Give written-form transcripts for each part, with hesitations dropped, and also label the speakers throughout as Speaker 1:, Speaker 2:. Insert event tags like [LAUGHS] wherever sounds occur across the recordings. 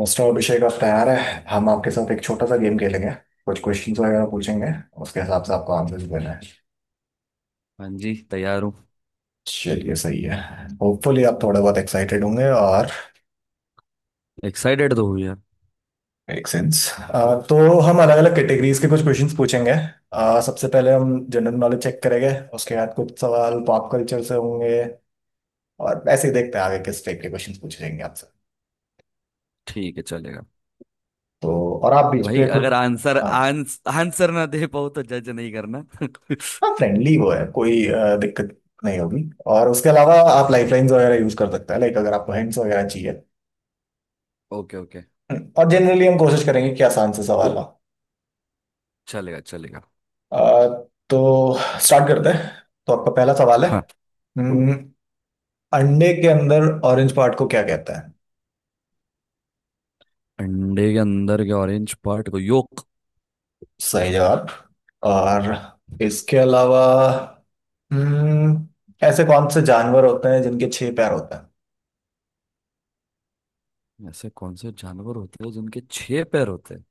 Speaker 1: Mister Abhishek आप तैयार है हम आपके साथ एक छोटा सा गेम खेलेंगे। कुछ क्वेश्चंस वगैरह पूछेंगे। उसके हिसाब से आपको आंसर्स देना है।
Speaker 2: हाँ जी तैयार हूँ।
Speaker 1: चलिए सही है। होपफुली आप थोड़े बहुत एक्साइटेड होंगे और
Speaker 2: एक्साइटेड तो हुई यार।
Speaker 1: Make sense. तो हम अलग अलग कैटेगरीज के कुछ क्वेश्चंस पूछेंगे। सबसे पहले हम जनरल नॉलेज चेक करेंगे। उसके बाद कुछ सवाल पॉप कल्चर से होंगे। और ऐसे ही देखते हैं आगे किस टाइप के क्वेश्चंस पूछेंगे आपसे।
Speaker 2: ठीक है, चलेगा।
Speaker 1: तो और आप बीच
Speaker 2: भाई
Speaker 1: पे
Speaker 2: अगर
Speaker 1: खुद।
Speaker 2: आंसर
Speaker 1: हाँ।
Speaker 2: आंस, आंसर ना दे पाओ तो जज नहीं करना। [LAUGHS]
Speaker 1: हाँ फ्रेंडली वो है कोई दिक्कत नहीं होगी। और उसके अलावा आप लाइफलाइंस वगैरह यूज कर सकते हैं लाइक अगर आपको हिंट्स वगैरह चाहिए।
Speaker 2: Okay okay.
Speaker 1: और जनरली
Speaker 2: परफेक्ट।
Speaker 1: हम कोशिश करेंगे कि आसान से सवाल हो।
Speaker 2: चलेगा चलेगा।
Speaker 1: अ, तो स्टार्ट करते हैं। तो आपका पहला सवाल है।
Speaker 2: हाँ।
Speaker 1: हम्म, अंडे के अंदर ऑरेंज पार्ट को क्या कहते हैं?
Speaker 2: अंडे के अंदर के ऑरेंज पार्ट को योक।
Speaker 1: सही जवाब। और इसके अलावा हम्म, ऐसे कौन से जानवर होते हैं जिनके छह पैर होते हैं?
Speaker 2: ऐसे कौन से जानवर होते हैं जिनके छह पैर होते हैं?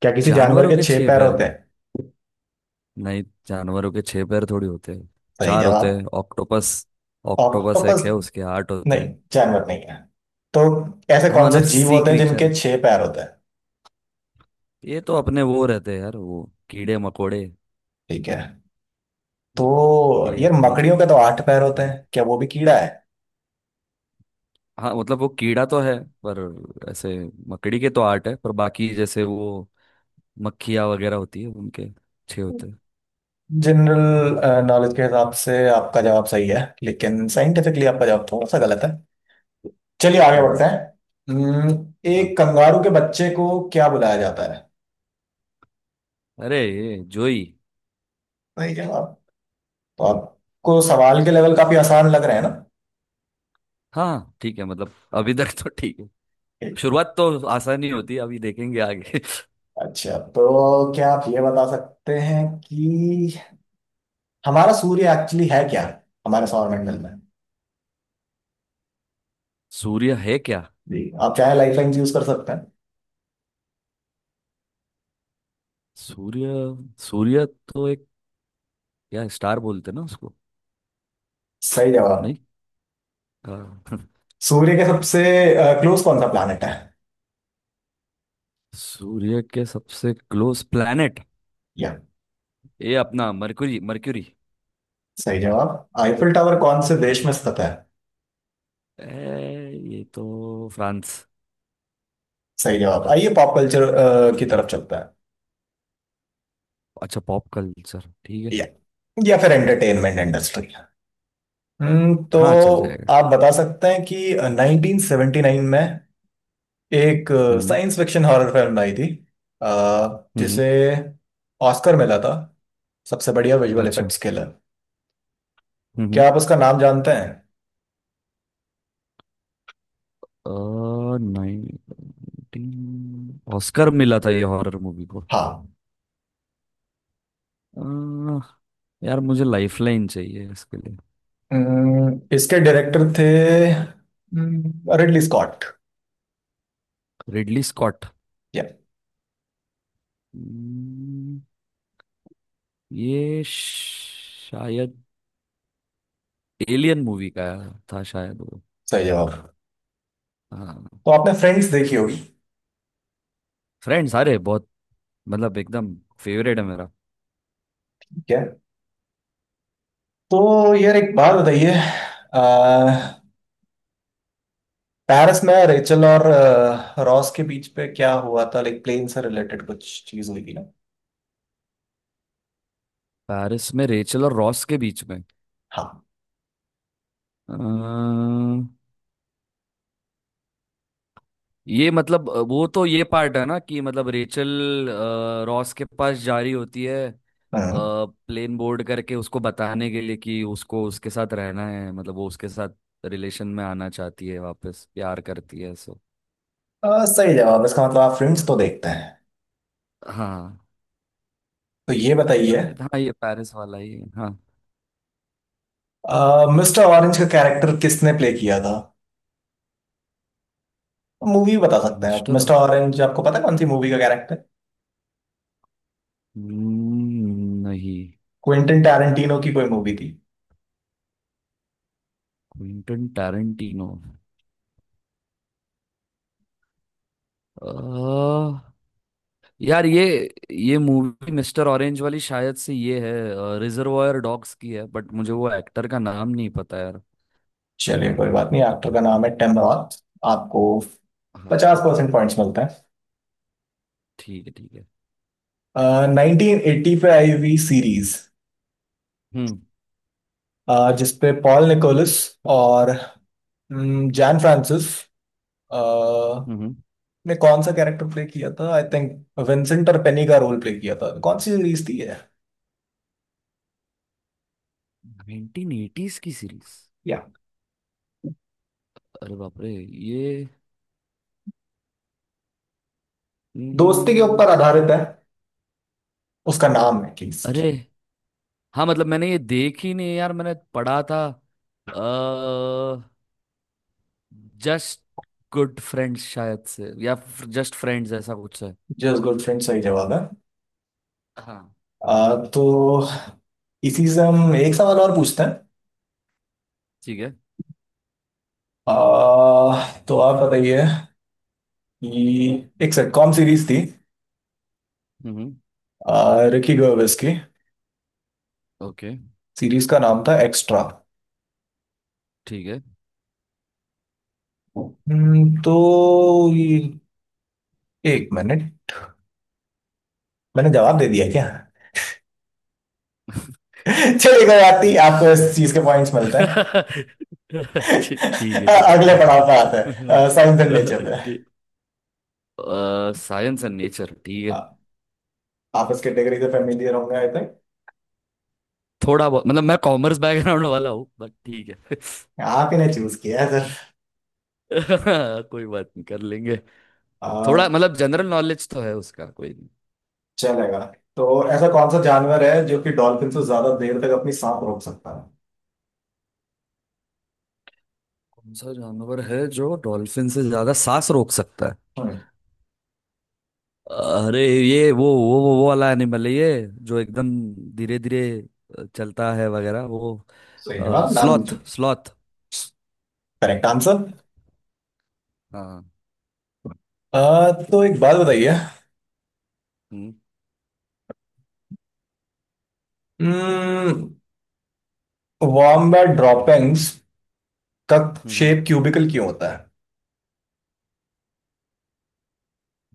Speaker 1: क्या किसी जानवर
Speaker 2: जानवरों
Speaker 1: के
Speaker 2: के
Speaker 1: छह
Speaker 2: छह
Speaker 1: पैर
Speaker 2: पैर?
Speaker 1: होते हैं?
Speaker 2: नहीं, जानवरों के छह पैर थोड़ी होते हैं।
Speaker 1: सही
Speaker 2: चार होते
Speaker 1: जवाब।
Speaker 2: हैं। ऑक्टोपस, ऑक्टोपस
Speaker 1: ऑक्टोपस
Speaker 2: एक है उसके आठ होते
Speaker 1: नहीं
Speaker 2: हैं।
Speaker 1: जानवर नहीं है। तो ऐसे
Speaker 2: हाँ
Speaker 1: कौन से
Speaker 2: मतलब
Speaker 1: जीव
Speaker 2: सी
Speaker 1: होते हैं
Speaker 2: क्रीचर।
Speaker 1: जिनके छह पैर होते हैं?
Speaker 2: ये तो अपने वो रहते हैं यार, वो कीड़े मकोड़े।
Speaker 1: ठीक है।
Speaker 2: हम्म,
Speaker 1: तो
Speaker 2: ये
Speaker 1: यार
Speaker 2: अपनी
Speaker 1: मकड़ियों के तो आठ पैर होते
Speaker 2: लाइफ।
Speaker 1: हैं क्या वो भी कीड़ा है?
Speaker 2: हाँ मतलब वो कीड़ा तो है, पर ऐसे मकड़ी के तो आर्ट है, पर बाकी जैसे वो मक्खियाँ वगैरह होती है उनके अच्छे होते हैं।
Speaker 1: जनरल नॉलेज के हिसाब से आपका जवाब सही है लेकिन साइंटिफिकली आपका जवाब थोड़ा सा गलत है। चलिए आगे बढ़ते
Speaker 2: हम्म।
Speaker 1: हैं।
Speaker 2: हाँ,
Speaker 1: एक कंगारू के बच्चे को क्या बुलाया जाता है?
Speaker 2: अरे ये जोई।
Speaker 1: सही जवाब। तो आपको सवाल के लेवल काफी आसान लग रहे हैं ना?
Speaker 2: हाँ हाँ, ठीक है, मतलब अभी तक तो ठीक है।
Speaker 1: ठीक है।
Speaker 2: शुरुआत तो आसान ही होती है, अभी देखेंगे आगे। [LAUGHS]
Speaker 1: अच्छा तो क्या आप ये बता सकते हैं कि हमारा सूर्य एक्चुअली है क्या हमारे सौरमंडल में?
Speaker 2: सूर्य है क्या?
Speaker 1: जी। आप चाहे लाइफलाइन यूज कर सकते हैं।
Speaker 2: सूर्य। सूर्य तो एक, क्या स्टार बोलते हैं ना उसको।
Speaker 1: सही जवाब।
Speaker 2: नहीं। हाँ। [LAUGHS]
Speaker 1: सूर्य के सबसे क्लोज कौन सा प्लानट है?
Speaker 2: सूर्य के सबसे क्लोज प्लैनेट?
Speaker 1: या
Speaker 2: ये अपना मरकुरी, मरक्यूरी।
Speaker 1: सही जवाब। आईफिल टावर कौन से देश में स्थित है?
Speaker 2: ये तो फ्रांस।
Speaker 1: सही जवाब आइए पॉप कल्चर की तरफ चलता है।
Speaker 2: अच्छा, पॉप कल्चर ठीक है।
Speaker 1: या या फिर एंटरटेनमेंट इंडस्ट्री। तो
Speaker 2: हाँ चल जाएगा।
Speaker 1: आप बता सकते हैं कि 1979 में एक
Speaker 2: हम्म
Speaker 1: साइंस फिक्शन हॉरर फिल्म आई थी अ,
Speaker 2: हम्म।
Speaker 1: जिसे ऑस्कर मिला था सबसे बढ़िया विजुअल
Speaker 2: अच्छा।
Speaker 1: इफेक्ट्स के लिए?
Speaker 2: हम्म।
Speaker 1: क्या आप उसका नाम जानते हैं?
Speaker 2: 19 ऑस्कर मिला था ये हॉरर मूवी को?
Speaker 1: हाँ।
Speaker 2: अ, यार मुझे लाइफलाइन चाहिए इसके लिए।
Speaker 1: इसके डायरेक्टर थे रिडली स्कॉट
Speaker 2: रिडली स्कॉट।
Speaker 1: या
Speaker 2: हम्म, ये शायद एलियन मूवी का था शायद वो।
Speaker 1: सही जवाब।
Speaker 2: हाँ।
Speaker 1: तो आपने फ्रेंड्स देखी होगी।
Speaker 2: फ्रेंड्स? अरे बहुत, मतलब एकदम फेवरेट है मेरा।
Speaker 1: ठीक है। तो यार एक बात बताइए अह, पेरिस में रेचल और रॉस के बीच पे क्या हुआ था लाइक प्लेन से रिलेटेड कुछ चीज हुई थी ना?
Speaker 2: पेरिस में रेचल और रॉस के बीच में?
Speaker 1: हाँ।
Speaker 2: अ, ये मतलब वो तो ये पार्ट है ना कि मतलब रेचल, रॉस के पास जा रही होती है,
Speaker 1: हम्म।
Speaker 2: प्लेन बोर्ड करके उसको बताने के लिए कि उसको उसके साथ रहना है, मतलब वो उसके साथ रिलेशन में आना चाहती है, वापस प्यार करती है सो।
Speaker 1: सही जवाब इसका मतलब आप फ्रेंड्स तो देखते हैं।
Speaker 2: हाँ,
Speaker 1: तो ये बताइए
Speaker 2: शायद हाँ, ये पेरिस वाला ही है, हाँ।
Speaker 1: मिस्टर ऑरेंज का कैरेक्टर किसने प्ले किया था? मूवी बता सकते हैं आप
Speaker 2: मिस्टर,
Speaker 1: मिस्टर ऑरेंज आपको पता है कौन सी मूवी का कैरेक्टर?
Speaker 2: नहीं।
Speaker 1: क्विंटन टैरेंटिनो की कोई मूवी थी।
Speaker 2: क्विंटन टैरेंटिनो, यार ये मूवी मिस्टर ऑरेंज वाली शायद से ये है, रिजर्वायर डॉग्स की है, बट मुझे वो एक्टर का नाम नहीं पता यार।
Speaker 1: चलिए कोई बात नहीं एक्टर का नाम है टिम रॉथ। आपको
Speaker 2: हाँ
Speaker 1: पचास
Speaker 2: ओके।
Speaker 1: परसेंट पॉइंट्स मिलते
Speaker 2: ठीक है ठीक है।
Speaker 1: हैं 1980 पे आई हुई सीरीज
Speaker 2: हम्म
Speaker 1: जिसपे पॉल निकोलस और जैन फ्रांसिस अ,
Speaker 2: हम्म। हम्म।
Speaker 1: ने कौन सा कैरेक्टर प्ले किया था आई थिंक विंसेंट और पेनी का रोल प्ले किया था कौन सी सीरीज थी ये?
Speaker 2: 1980s की सीरीज?
Speaker 1: या
Speaker 2: अरे बाप रे। ये,
Speaker 1: दोस्ती के
Speaker 2: हम्म,
Speaker 1: ऊपर आधारित है उसका नाम एटलीस्ट
Speaker 2: अरे, हाँ, मतलब मैंने ये देखी नहीं यार, मैंने पढ़ा था। जस्ट गुड फ्रेंड्स शायद से, या जस्ट फ्रेंड्स ऐसा कुछ है।
Speaker 1: जस्ट गुड फ्रेंड सही जवाब है।
Speaker 2: हाँ।
Speaker 1: तो इसी से हम एक सवाल और पूछते हैं।
Speaker 2: ठीक है।
Speaker 1: आ, तो आप बताइए कि एक सिटकॉम सीरीज थी
Speaker 2: हम्म हम्म।
Speaker 1: आ, रिकी गर्वेस की
Speaker 2: ओके।
Speaker 1: सीरीज का नाम था एक्स्ट्रा।
Speaker 2: ठीक है।
Speaker 1: तो ये एक मिनट मैंने जवाब दे दिया क्या? [LAUGHS] चलिए कोई बात
Speaker 2: [LAUGHS]
Speaker 1: नहीं आपको इस चीज के पॉइंट्स मिलते हैं।
Speaker 2: अच्छे, ठीक है
Speaker 1: [LAUGHS] अगले पड़ाव
Speaker 2: ठीक
Speaker 1: पे आते हैं साइंस एंड नेचर पे।
Speaker 2: है। साइंस एंड नेचर ठीक
Speaker 1: आ,
Speaker 2: है।
Speaker 1: आप इस कैटेगरी से फेमिलियर होंगे आई थिंक।
Speaker 2: थोड़ा बहुत, मतलब मैं कॉमर्स बैकग्राउंड वाला हूँ, बट ठीक है।
Speaker 1: आप ही ने चूज किया है सर।
Speaker 2: [LAUGHS] कोई बात नहीं, कर लेंगे। थोड़ा
Speaker 1: आ,
Speaker 2: मतलब जनरल नॉलेज तो है उसका, कोई नहीं।
Speaker 1: चलेगा। तो ऐसा कौन सा जानवर है जो कि डॉल्फिन से ज्यादा देर तक अपनी सांस रोक सकता है?
Speaker 2: कौन सा जानवर है जो डॉल्फिन से ज्यादा सांस रोक सकता है?
Speaker 1: हम्म,
Speaker 2: अरे ये वो वाला एनिमल है ये जो एकदम धीरे धीरे चलता है वगैरह वो।
Speaker 1: सही जवाब नाम
Speaker 2: स्लॉथ
Speaker 1: पूछो।
Speaker 2: स्लॉथ।
Speaker 1: Correct answer.
Speaker 2: हाँ।
Speaker 1: तो एक बात बताइए
Speaker 2: हम्म
Speaker 1: वॉम्बैट ड्रॉपिंग्स का
Speaker 2: हम्म। हम्म।
Speaker 1: शेप क्यूबिकल क्यों होता है?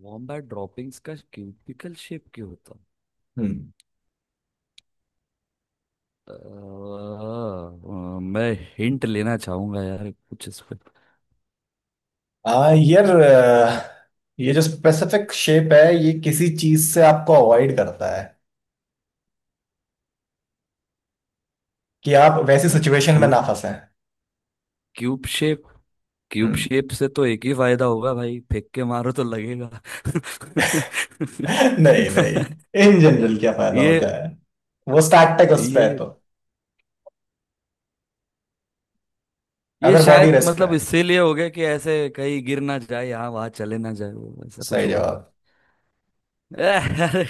Speaker 2: वॉम्बैट ड्रॉपिंग्स का क्यूबिकल शेप क्यों होता?
Speaker 1: हम्म।
Speaker 2: मैं हिंट लेना चाहूंगा यार कुछ इस पे।
Speaker 1: यार, ये जो स्पेसिफिक शेप है ये किसी चीज से आपको अवॉइड करता है कि आप वैसी
Speaker 2: यार,
Speaker 1: सिचुएशन में
Speaker 2: क्यूब
Speaker 1: ना फंसे।
Speaker 2: क्यूब शेप क्यूब
Speaker 1: हम्म।
Speaker 2: शेप से तो एक ही फायदा होगा भाई, फेंक के मारो तो लगेगा। [LAUGHS]
Speaker 1: [LAUGHS] नहीं नहीं, इन जनरल क्या फायदा
Speaker 2: ये
Speaker 1: होता है? वो स्टैटिक उस पे है
Speaker 2: ये
Speaker 1: तो
Speaker 2: ये
Speaker 1: अगर बॉडी
Speaker 2: शायद,
Speaker 1: रेस्ट पे
Speaker 2: मतलब
Speaker 1: है
Speaker 2: इसीलिए हो गया कि ऐसे कहीं गिर ना जाए, यहाँ वहां चले ना जाए, वो ऐसा कुछ
Speaker 1: सही
Speaker 2: होगा।
Speaker 1: जवाब।
Speaker 2: [LAUGHS] अरे,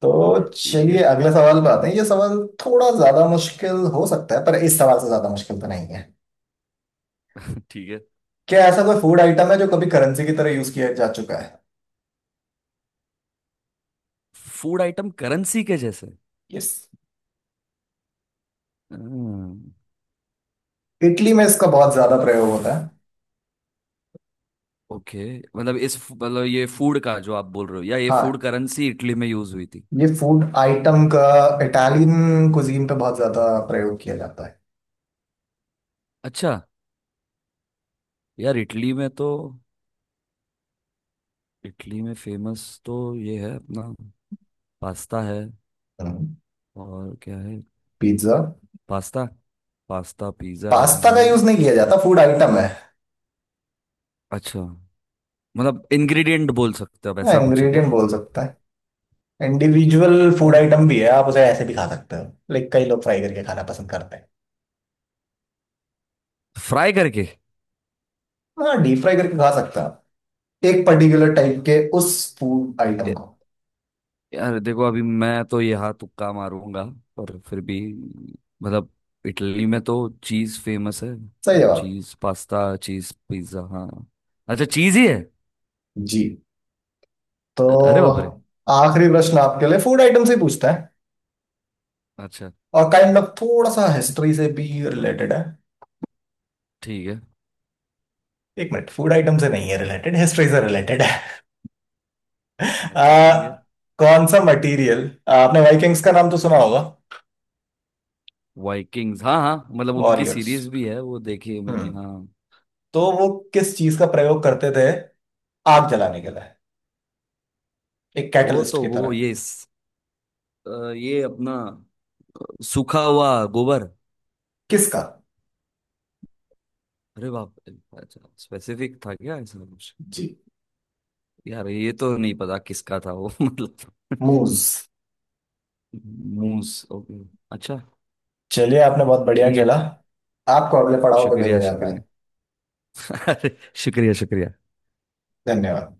Speaker 1: तो
Speaker 2: ठीक
Speaker 1: चलिए
Speaker 2: है
Speaker 1: अगले सवाल पे आते हैं। ये सवाल थोड़ा ज्यादा मुश्किल हो सकता है पर इस सवाल से ज्यादा मुश्किल तो नहीं है।
Speaker 2: ठीक है।
Speaker 1: क्या ऐसा कोई फूड आइटम है जो कभी करेंसी की तरह यूज किया जा चुका है?
Speaker 2: फूड आइटम करेंसी के जैसे?
Speaker 1: यस।
Speaker 2: हम्म,
Speaker 1: इटली में इसका बहुत ज्यादा
Speaker 2: यार,
Speaker 1: प्रयोग होता है।
Speaker 2: ओके, मतलब इस मतलब ये फूड का जो आप बोल रहे हो, या ये फूड
Speaker 1: हाँ।
Speaker 2: करेंसी इटली में यूज हुई थी?
Speaker 1: ये फूड आइटम का इटालियन कुजीन पे बहुत ज्यादा प्रयोग किया जाता है।
Speaker 2: अच्छा। यार, इटली में फेमस तो ये है अपना पास्ता है, और क्या है?
Speaker 1: पिज्जा।
Speaker 2: पास्ता पास्ता, पिज्ज़ा है
Speaker 1: पास्ता का
Speaker 2: हाँ।
Speaker 1: यूज नहीं किया जाता फूड आइटम है।
Speaker 2: अच्छा, मतलब इंग्रेडिएंट बोल सकते हो आप, ऐसा कुछ है क्या?
Speaker 1: इंग्रेडिएंट बोल सकता है। इंडिविजुअल फूड
Speaker 2: यार,
Speaker 1: आइटम भी है आप उसे ऐसे भी खा सकते हो। लाइक कई लोग फ्राई करके खाना पसंद करते हैं।
Speaker 2: फ्राई करके?
Speaker 1: हाँ डीप फ्राई करके खा सकते हैं एक पर्टिकुलर टाइप के उस फूड आइटम को।
Speaker 2: यार देखो, अभी मैं तो यहाँ तुक्का मारूंगा, पर फिर भी, मतलब इटली में तो चीज फेमस है,
Speaker 1: सही
Speaker 2: तो
Speaker 1: जवाब।
Speaker 2: चीज पास्ता, चीज पिज्जा, हाँ। अच्छा, चीज ही है।
Speaker 1: जी।
Speaker 2: अरे बाप रे।
Speaker 1: तो आखिरी प्रश्न आपके लिए फूड आइटम से ही पूछता है।
Speaker 2: अच्छा
Speaker 1: और काइंड ऑफ थोड़ा सा हिस्ट्री से भी रिलेटेड है।
Speaker 2: ठीक है।
Speaker 1: एक मिनट फूड आइटम से नहीं है रिलेटेड हिस्ट्री से रिलेटेड है।
Speaker 2: हम्म।
Speaker 1: [LAUGHS] आ,
Speaker 2: अच्छा ठीक है।
Speaker 1: कौन सा मटेरियल? आपने वाइकिंग्स का नाम तो सुना होगा?
Speaker 2: वाइकिंग्स, हाँ हाँ, मतलब उनकी
Speaker 1: वॉरियर्स।
Speaker 2: सीरीज भी है वो देखी है मैंने,
Speaker 1: हम्म।
Speaker 2: हाँ।
Speaker 1: तो वो किस चीज का प्रयोग करते थे आग जलाने के लिए एक
Speaker 2: वो
Speaker 1: कैटलिस्ट
Speaker 2: तो
Speaker 1: की
Speaker 2: वो
Speaker 1: तरह?
Speaker 2: ये स- अ, ये अपना सूखा हुआ गोबर।
Speaker 1: किसका?
Speaker 2: अरे बाप रे, अच्छा स्पेसिफिक था क्या ऐसा कुछ?
Speaker 1: जी।
Speaker 2: यार ये तो नहीं पता किसका था वो। [LAUGHS] मतलब।
Speaker 1: मूज।
Speaker 2: मूस ओके। अच्छा।
Speaker 1: चलिए आपने बहुत बढ़िया
Speaker 2: ठीक है।
Speaker 1: खेला। आपको अगले पड़ाव पे भेजा
Speaker 2: शुक्रिया
Speaker 1: जाता
Speaker 2: शुक्रिया।
Speaker 1: है।
Speaker 2: [LAUGHS] अरे, शुक्रिया शुक्रिया।
Speaker 1: धन्यवाद।